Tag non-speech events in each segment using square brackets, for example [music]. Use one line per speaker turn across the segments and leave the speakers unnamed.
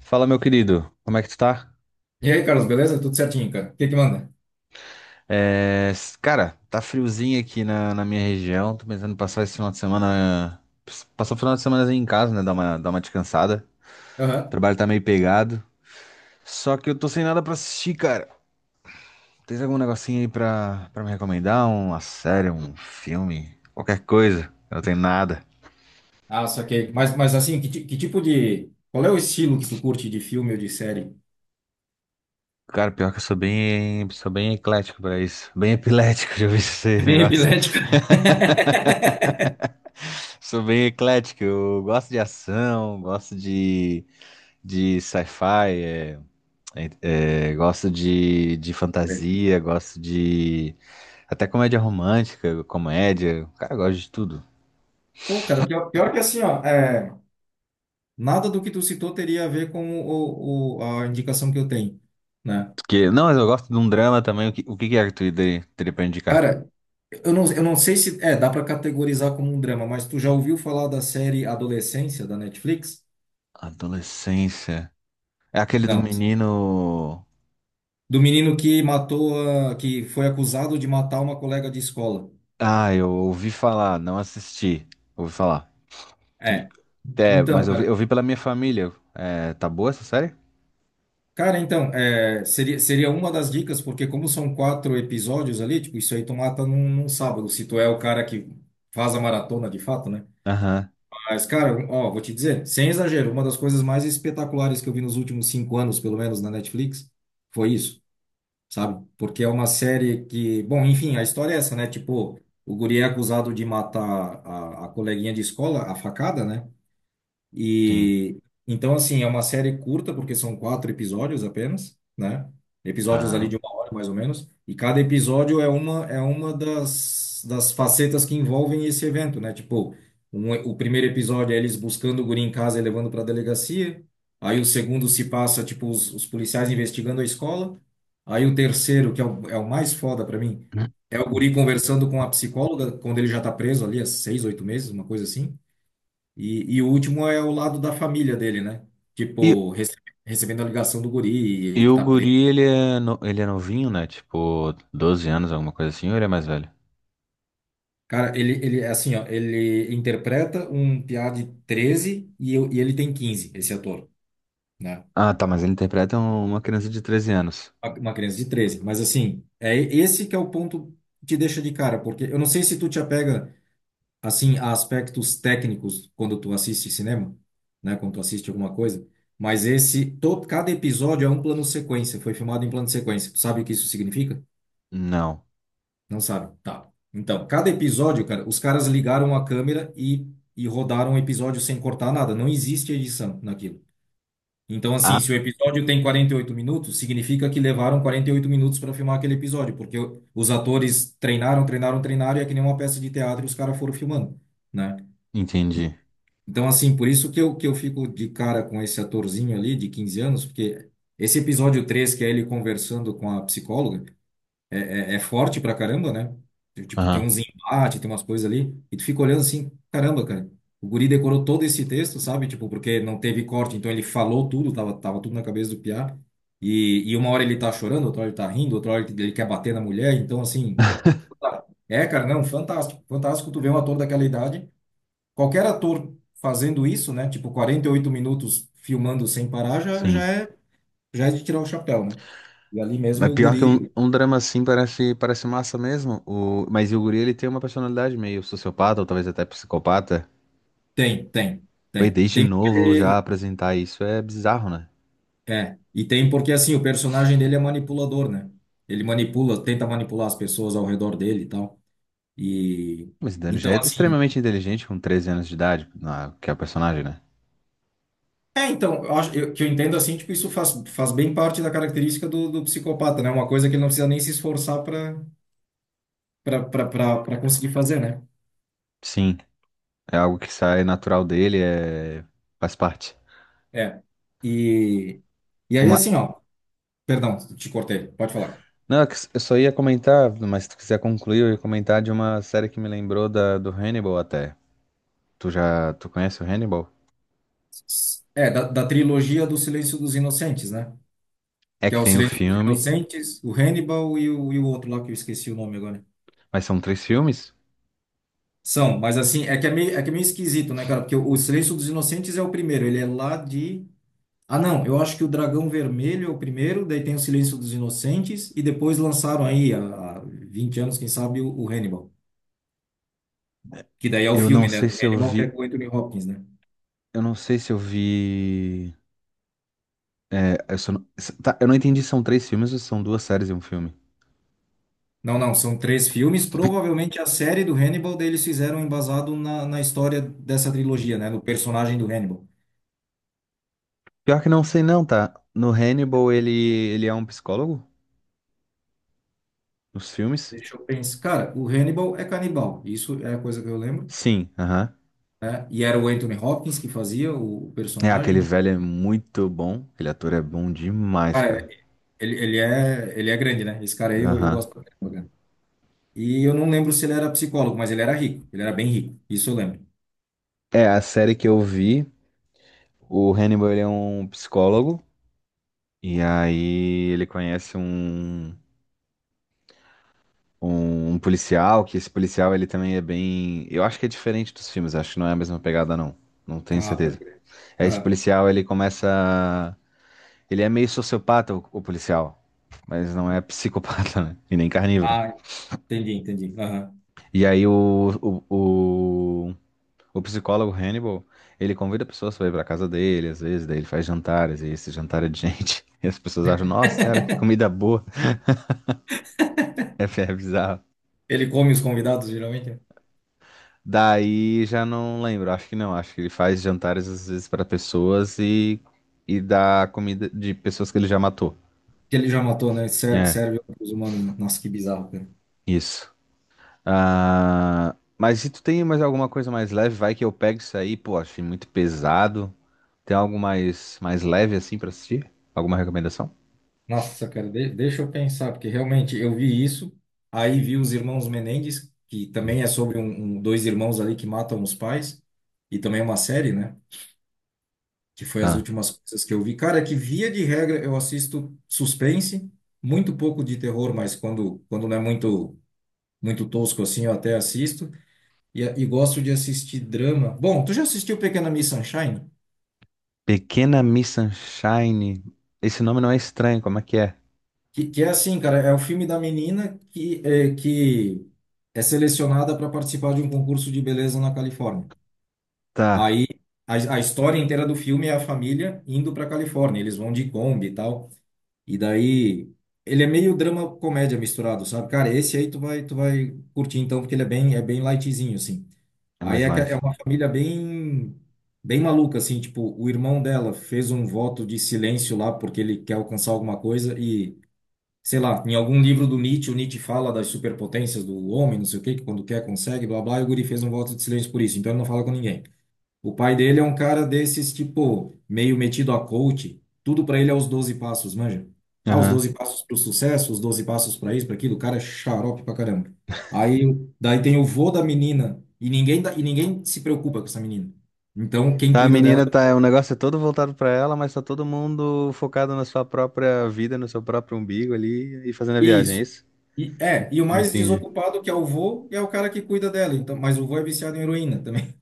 Fala, meu querido, como é que tu tá?
E aí, Carlos, beleza? Tudo certinho, cara. O que que manda?
Cara, tá friozinho aqui na minha região. Tô pensando em passar esse final de semana. Passar o final de semana em casa, né? Dar uma descansada. O
Aham.
trabalho tá meio pegado. Só que eu tô sem nada pra assistir, cara. Tens algum negocinho aí pra me recomendar? Uma série, um filme? Qualquer coisa. Eu não tenho nada.
Ah, saquei. Mas assim, que tipo de... Qual é o estilo que tu curte de filme ou de série?
Cara, pior que eu sou bem eclético pra isso. Bem epilético, [laughs] já ouvi esse
É. Bem
negócio.
epilético. [laughs]
[laughs] Sou bem eclético. Eu gosto de ação, gosto de sci-fi, gosto de fantasia, gosto de até comédia romântica, comédia, cara, eu gosto de tudo.
Pô, cara, pior que assim, ó, é, nada do que tu citou teria a ver com a indicação que eu tenho, né?
Porque, não, mas eu gosto de um drama também. O que, teria pra indicar?
Cara, eu não sei se... É, dá pra categorizar como um drama, mas tu já ouviu falar da série Adolescência, da Netflix?
Adolescência. É aquele do
Não.
menino.
Do menino que matou, que foi acusado de matar uma colega de escola.
Ah, eu ouvi falar, não assisti. Ouvi falar. E-
É.
É,
Então,
mas eu
cara,
vi pela minha família. É, tá boa essa série?
cara, então, é, seria uma das dicas, porque como são quatro episódios ali, tipo, isso aí tu mata num sábado, se tu é o cara que faz a maratona de fato, né?
Aham,
Mas, cara, ó, vou te dizer, sem exagero, uma das coisas mais espetaculares que eu vi nos últimos 5 anos, pelo menos na Netflix, foi isso, sabe? Porque é uma série que, bom, enfim, a história é essa, né? Tipo, o guri é acusado de matar a coleguinha de escola, a facada, né?
sim.
E então, assim, é uma série curta, porque são quatro episódios apenas, né? Episódios ali
Tá.
de uma hora, mais ou menos. E cada episódio é uma das facetas que envolvem esse evento, né? Tipo, o primeiro episódio é eles buscando o guri em casa e levando para a delegacia. Aí o segundo se passa, tipo, os policiais investigando a escola. Aí o terceiro, que é o mais foda para mim, é o guri conversando com a psicóloga, quando ele já tá preso ali há 6, 8 meses, uma coisa assim. E o último é o lado da família dele, né?
E
Tipo, recebendo a ligação do guri e
E
que
o
tá preso.
guri, ele é, no- ele é novinho, né? Tipo, 12 anos, alguma coisa assim, ou ele é mais velho?
Cara, é assim, ó, ele interpreta um piá de 13 e ele tem 15. Esse ator, né?
Ah, tá, mas ele interpreta uma criança de 13 anos.
Uma criança de 13. Mas, assim, é esse que é o ponto que deixa de cara, porque eu não sei se tu te apega, assim, a aspectos técnicos quando tu assiste cinema, né? Quando tu assiste alguma coisa. Mas esse, todo, cada episódio é um plano sequência, foi filmado em plano sequência. Tu sabe o que isso significa?
Não.
Não sabe. Tá. Então, cada episódio, cara, os caras ligaram a câmera e rodaram o episódio sem cortar nada. Não existe edição naquilo. Então, assim,
Ah,
se o episódio tem 48 minutos, significa que levaram 48 minutos para filmar aquele episódio, porque os atores treinaram, treinaram, treinaram, e é que nem uma peça de teatro, e os caras foram filmando, né?
entendi.
Então, assim, por isso que eu fico de cara com esse atorzinho ali de 15 anos, porque esse episódio 3 que é ele conversando com a psicóloga, é forte pra caramba, né? Tipo, tem
Aham,
uns embates, tem umas coisas ali, e tu fica olhando assim, caramba, cara, o guri decorou todo esse texto, sabe? Tipo, porque não teve corte, então ele falou tudo, tava tudo na cabeça do piá, e uma hora ele tá chorando, outra hora ele tá rindo, outra hora ele quer bater na mulher, então assim, é, cara, não, fantástico, fantástico tu vê um ator daquela idade, qualquer ator fazendo isso, né? Tipo, 48 minutos filmando sem parar já,
sim.
já é de tirar o chapéu, né? E ali mesmo
Mas
o
pior que um,
guri,
um drama assim parece, parece massa mesmo. O, mas e o guri, ele tem uma personalidade meio sociopata, ou talvez até psicopata.
Tem, tem,
Foi
tem.
desde
Tem porque
novo já
ele
apresentar isso é bizarro, né?
é, e tem porque assim, o personagem dele é manipulador, né? Ele manipula, tenta manipular as pessoas ao redor dele e tal. E
Mas então, ele
então
já é
assim,
extremamente inteligente com 13 anos de idade, que é o personagem, né?
é, então, eu acho que eu entendo assim, tipo, isso faz bem parte da característica do psicopata, né? Uma coisa que ele não precisa nem se esforçar para para conseguir fazer, né?
Sim. É algo que sai natural dele, é faz parte.
É. E e aí
Uma.
assim, ó, perdão, te cortei. Pode falar.
Não, é que eu só ia comentar, mas se tu quiser concluir, eu ia comentar de uma série que me lembrou da, do Hannibal até. Tu conhece o Hannibal?
É, da trilogia do Silêncio dos Inocentes, né?
É
Que é
que
o
tem o
Silêncio dos
filme,
Inocentes, o Hannibal e o outro lá que eu esqueci o nome agora.
mas são três filmes.
São, mas assim, é que é meio esquisito, né, cara? Porque o Silêncio dos Inocentes é o primeiro, ele é lá de. Ah, não, eu acho que o Dragão Vermelho é o primeiro, daí tem o Silêncio dos Inocentes, e depois lançaram aí, há 20 anos, quem sabe, o Hannibal. Que daí é o
Eu não
filme, né,
sei
do
se eu
Hannibal, que é
vi,
com o Anthony Hopkins, né?
eu não sei se eu vi. É, eu, só não. Tá, eu não entendi se são três filmes ou se são duas séries e um filme.
Não, não, são três filmes. Provavelmente a série do Hannibal, daí eles fizeram embasado na história dessa trilogia, né? No personagem do Hannibal.
Pior que não sei não, tá? No Hannibal ele é um psicólogo? Nos filmes?
Deixa eu pensar. Cara, o Hannibal é canibal. Isso é a coisa que eu lembro.
Sim, aham.
Né? E era o Anthony Hopkins que fazia o
É,
personagem.
aquele velho é muito bom. Aquele ator é bom demais,
Cara,
cara.
ele é grande, né? Esse cara aí eu
Aham.
gosto pra caramba, cara. E eu não lembro se ele era psicólogo, mas ele era rico. Ele era bem rico. Isso eu lembro.
É, a série que eu vi, o Hannibal ele é um psicólogo. E aí ele conhece um policial, que esse policial ele também é bem. Eu acho que é diferente dos filmes, acho que não é a mesma pegada, não. Não tenho
Ah, pode
certeza.
crer.
É, esse
Aham.
policial ele começa. Ele é meio sociopata, o policial. Mas não é psicopata, né? E nem carnívoro.
Ah, entendi, entendi. Aham.
E aí o, o psicólogo Hannibal, ele convida pessoas para ir para casa dele, às vezes, daí ele faz jantares, e esse jantar é de gente. [laughs] E as pessoas acham, nossa senhora, que comida boa. [laughs] É, é bizarro.
Ele come os convidados, geralmente, né?
Daí já não lembro, acho que não, acho que ele faz jantares às vezes para pessoas e dá comida de pessoas que ele já matou.
Que ele já matou, né? Serve,
É,
serve para os humanos, né? Nossa, que bizarro, cara.
isso. Ah, mas se tu tem mais alguma coisa mais leve, vai que eu pego isso aí, pô, achei muito pesado. Tem algo mais, mais leve assim para assistir? Alguma recomendação?
Nossa, cara, deixa eu pensar, porque realmente eu vi isso, aí vi os irmãos Menendez, que também é sobre um, dois irmãos ali que matam os pais, e também é uma série, né? Que foi as
Tá.
últimas coisas que eu vi. Cara, que via de regra eu assisto suspense, muito pouco de terror, mas quando não é muito, muito tosco assim, eu até assisto, e gosto de assistir drama. Bom, tu já assistiu Pequena Miss Sunshine?
Pequena Miss Sunshine. Esse nome não é estranho, como é que é?
Que é assim, cara, é o filme da menina que é selecionada para participar de um concurso de beleza na Califórnia.
Tá,
Aí a história inteira do filme é a família indo para Califórnia, eles vão de Kombi e tal. E daí ele é meio drama comédia misturado, sabe? Cara, esse aí tu vai curtir então, porque ele é bem lightzinho assim.
é
Aí
mais
é
light.
uma família bem bem maluca assim, tipo, o irmão dela fez um voto de silêncio lá porque ele quer alcançar alguma coisa e sei lá, em algum livro do Nietzsche, o Nietzsche fala das superpotências do homem, não sei o quê, que quando quer consegue, blá blá, e o guri fez um voto de silêncio por isso, então ele não fala com ninguém. O pai dele é um cara desses, tipo, meio metido a coach, tudo pra ele é os 12 passos, manja? Ah, os
Aham.
12 passos pro sucesso, os 12 passos pra isso, pra aquilo, o cara é xarope pra caramba. Aí, daí tem o vô da menina, e ninguém, e ninguém se preocupa com essa menina. Então, quem
A
cuida dela
menina tá, é, o negócio é todo voltado pra ela, mas tá todo mundo focado na sua própria vida, no seu próprio umbigo ali e fazendo a
é
viagem, é
isso.
isso?
E o mais
Entendi.
desocupado que é o vô é o cara que cuida dela. Então, mas o vô é viciado em heroína também.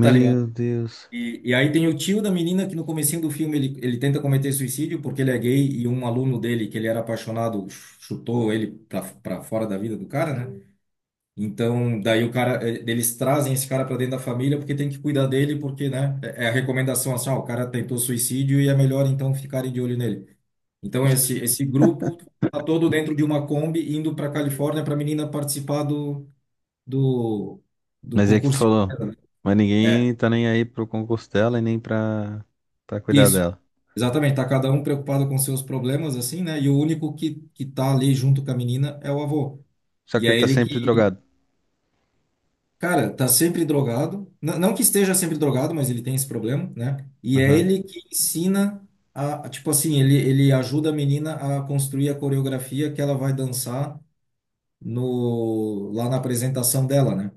Tá ligado?
Deus.
E aí tem o tio da menina que no comecinho do filme ele tenta cometer suicídio porque ele é gay e um aluno dele que ele era apaixonado chutou ele pra fora da vida do cara, né? Então, daí o cara, eles trazem esse cara pra dentro da família porque tem que cuidar dele porque, né? É a recomendação assim, ó, o cara tentou suicídio e é melhor então ficarem de olho nele. Então esse grupo tá todo dentro de uma Kombi indo pra Califórnia pra menina participar do, do
Mas é que tu
concurso de
falou,
beleza, né?
mas
É.
ninguém tá nem aí pro concurso dela e nem pra, pra cuidar
Isso,
dela.
exatamente. Tá cada um preocupado com seus problemas, assim, né? E o único que tá ali junto com a menina é o avô.
Só
E
que ele
é
tá
ele
sempre
que,
drogado.
cara, tá sempre drogado. N não que esteja sempre drogado, mas ele tem esse problema, né? E é
Aham.
ele que ensina a, tipo assim, ele ajuda a menina a construir a coreografia que ela vai dançar no, lá na apresentação dela, né?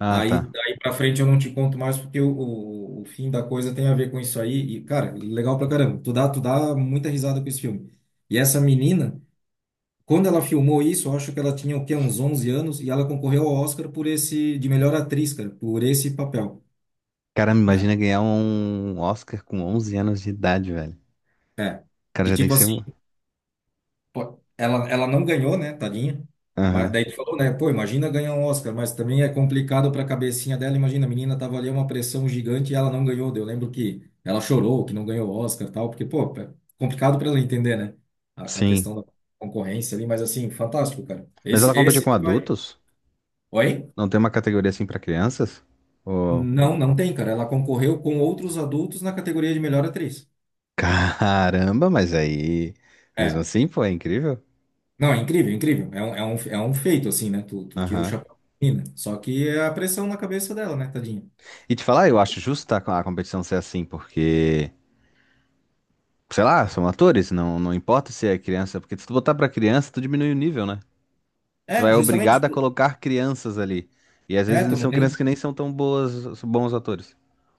Ah,
Aí,
tá.
daí pra frente eu não te conto mais porque o fim da coisa tem a ver com isso aí. E, cara, legal pra caramba. Tu dá muita risada com esse filme. E essa menina, quando ela filmou isso, eu acho que ela tinha o quê? Uns 11 anos e ela concorreu ao Oscar por esse, de melhor atriz, cara, por esse papel,
Cara, me
né?
imagina ganhar um Oscar com 11 anos de idade, velho. O
É.
cara
E
já tem que
tipo
ser.
assim, pô, ela não ganhou, né, tadinha? Mas
Aham.
daí tu falou, né? Pô, imagina ganhar um Oscar, mas também é complicado pra cabecinha dela. Imagina, a menina tava ali uma pressão gigante e ela não ganhou. Eu lembro que ela chorou que não ganhou o Oscar e tal, porque, pô, é complicado pra ela entender, né? A
Sim.
questão da concorrência ali, mas assim, fantástico, cara.
Mas ela
Esse,
compete
esse
com
tu vai.
adultos?
Oi?
Não tem uma categoria assim pra crianças? Oh.
Não, não tem, cara. Ela concorreu com outros adultos na categoria de melhor atriz.
[laughs] Caramba, mas aí. Mesmo
É.
assim, pô, é incrível.
Não, é incrível, é incrível. É um feito, assim, né? Tu tira o
Aham.
chapéu da menina. Só que é a pressão na cabeça dela, né, tadinha?
E te falar, eu acho justo tá, a competição ser assim, porque. Sei lá, são atores, não importa se é criança, porque se tu botar pra criança, tu diminui o nível, né? Tu
É,
é
justamente.
obrigado a colocar crianças ali. E às
É, tu
vezes
não
são crianças
tem,
que nem são tão boas, bons atores.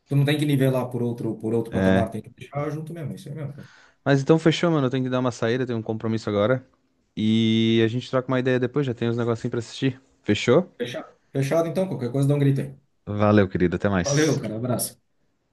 tu não tem que nivelar por outro
É.
patamar, tem que deixar junto mesmo. Isso aí mesmo, cara.
Mas então fechou, mano. Eu tenho que dar uma saída, eu tenho um compromisso agora. E a gente troca uma ideia depois, já tem uns negocinhos pra assistir. Fechou?
Fechado. Fechado, então, qualquer coisa dá um grito aí.
Valeu, querido. Até
Valeu,
mais.
cara. Abraço.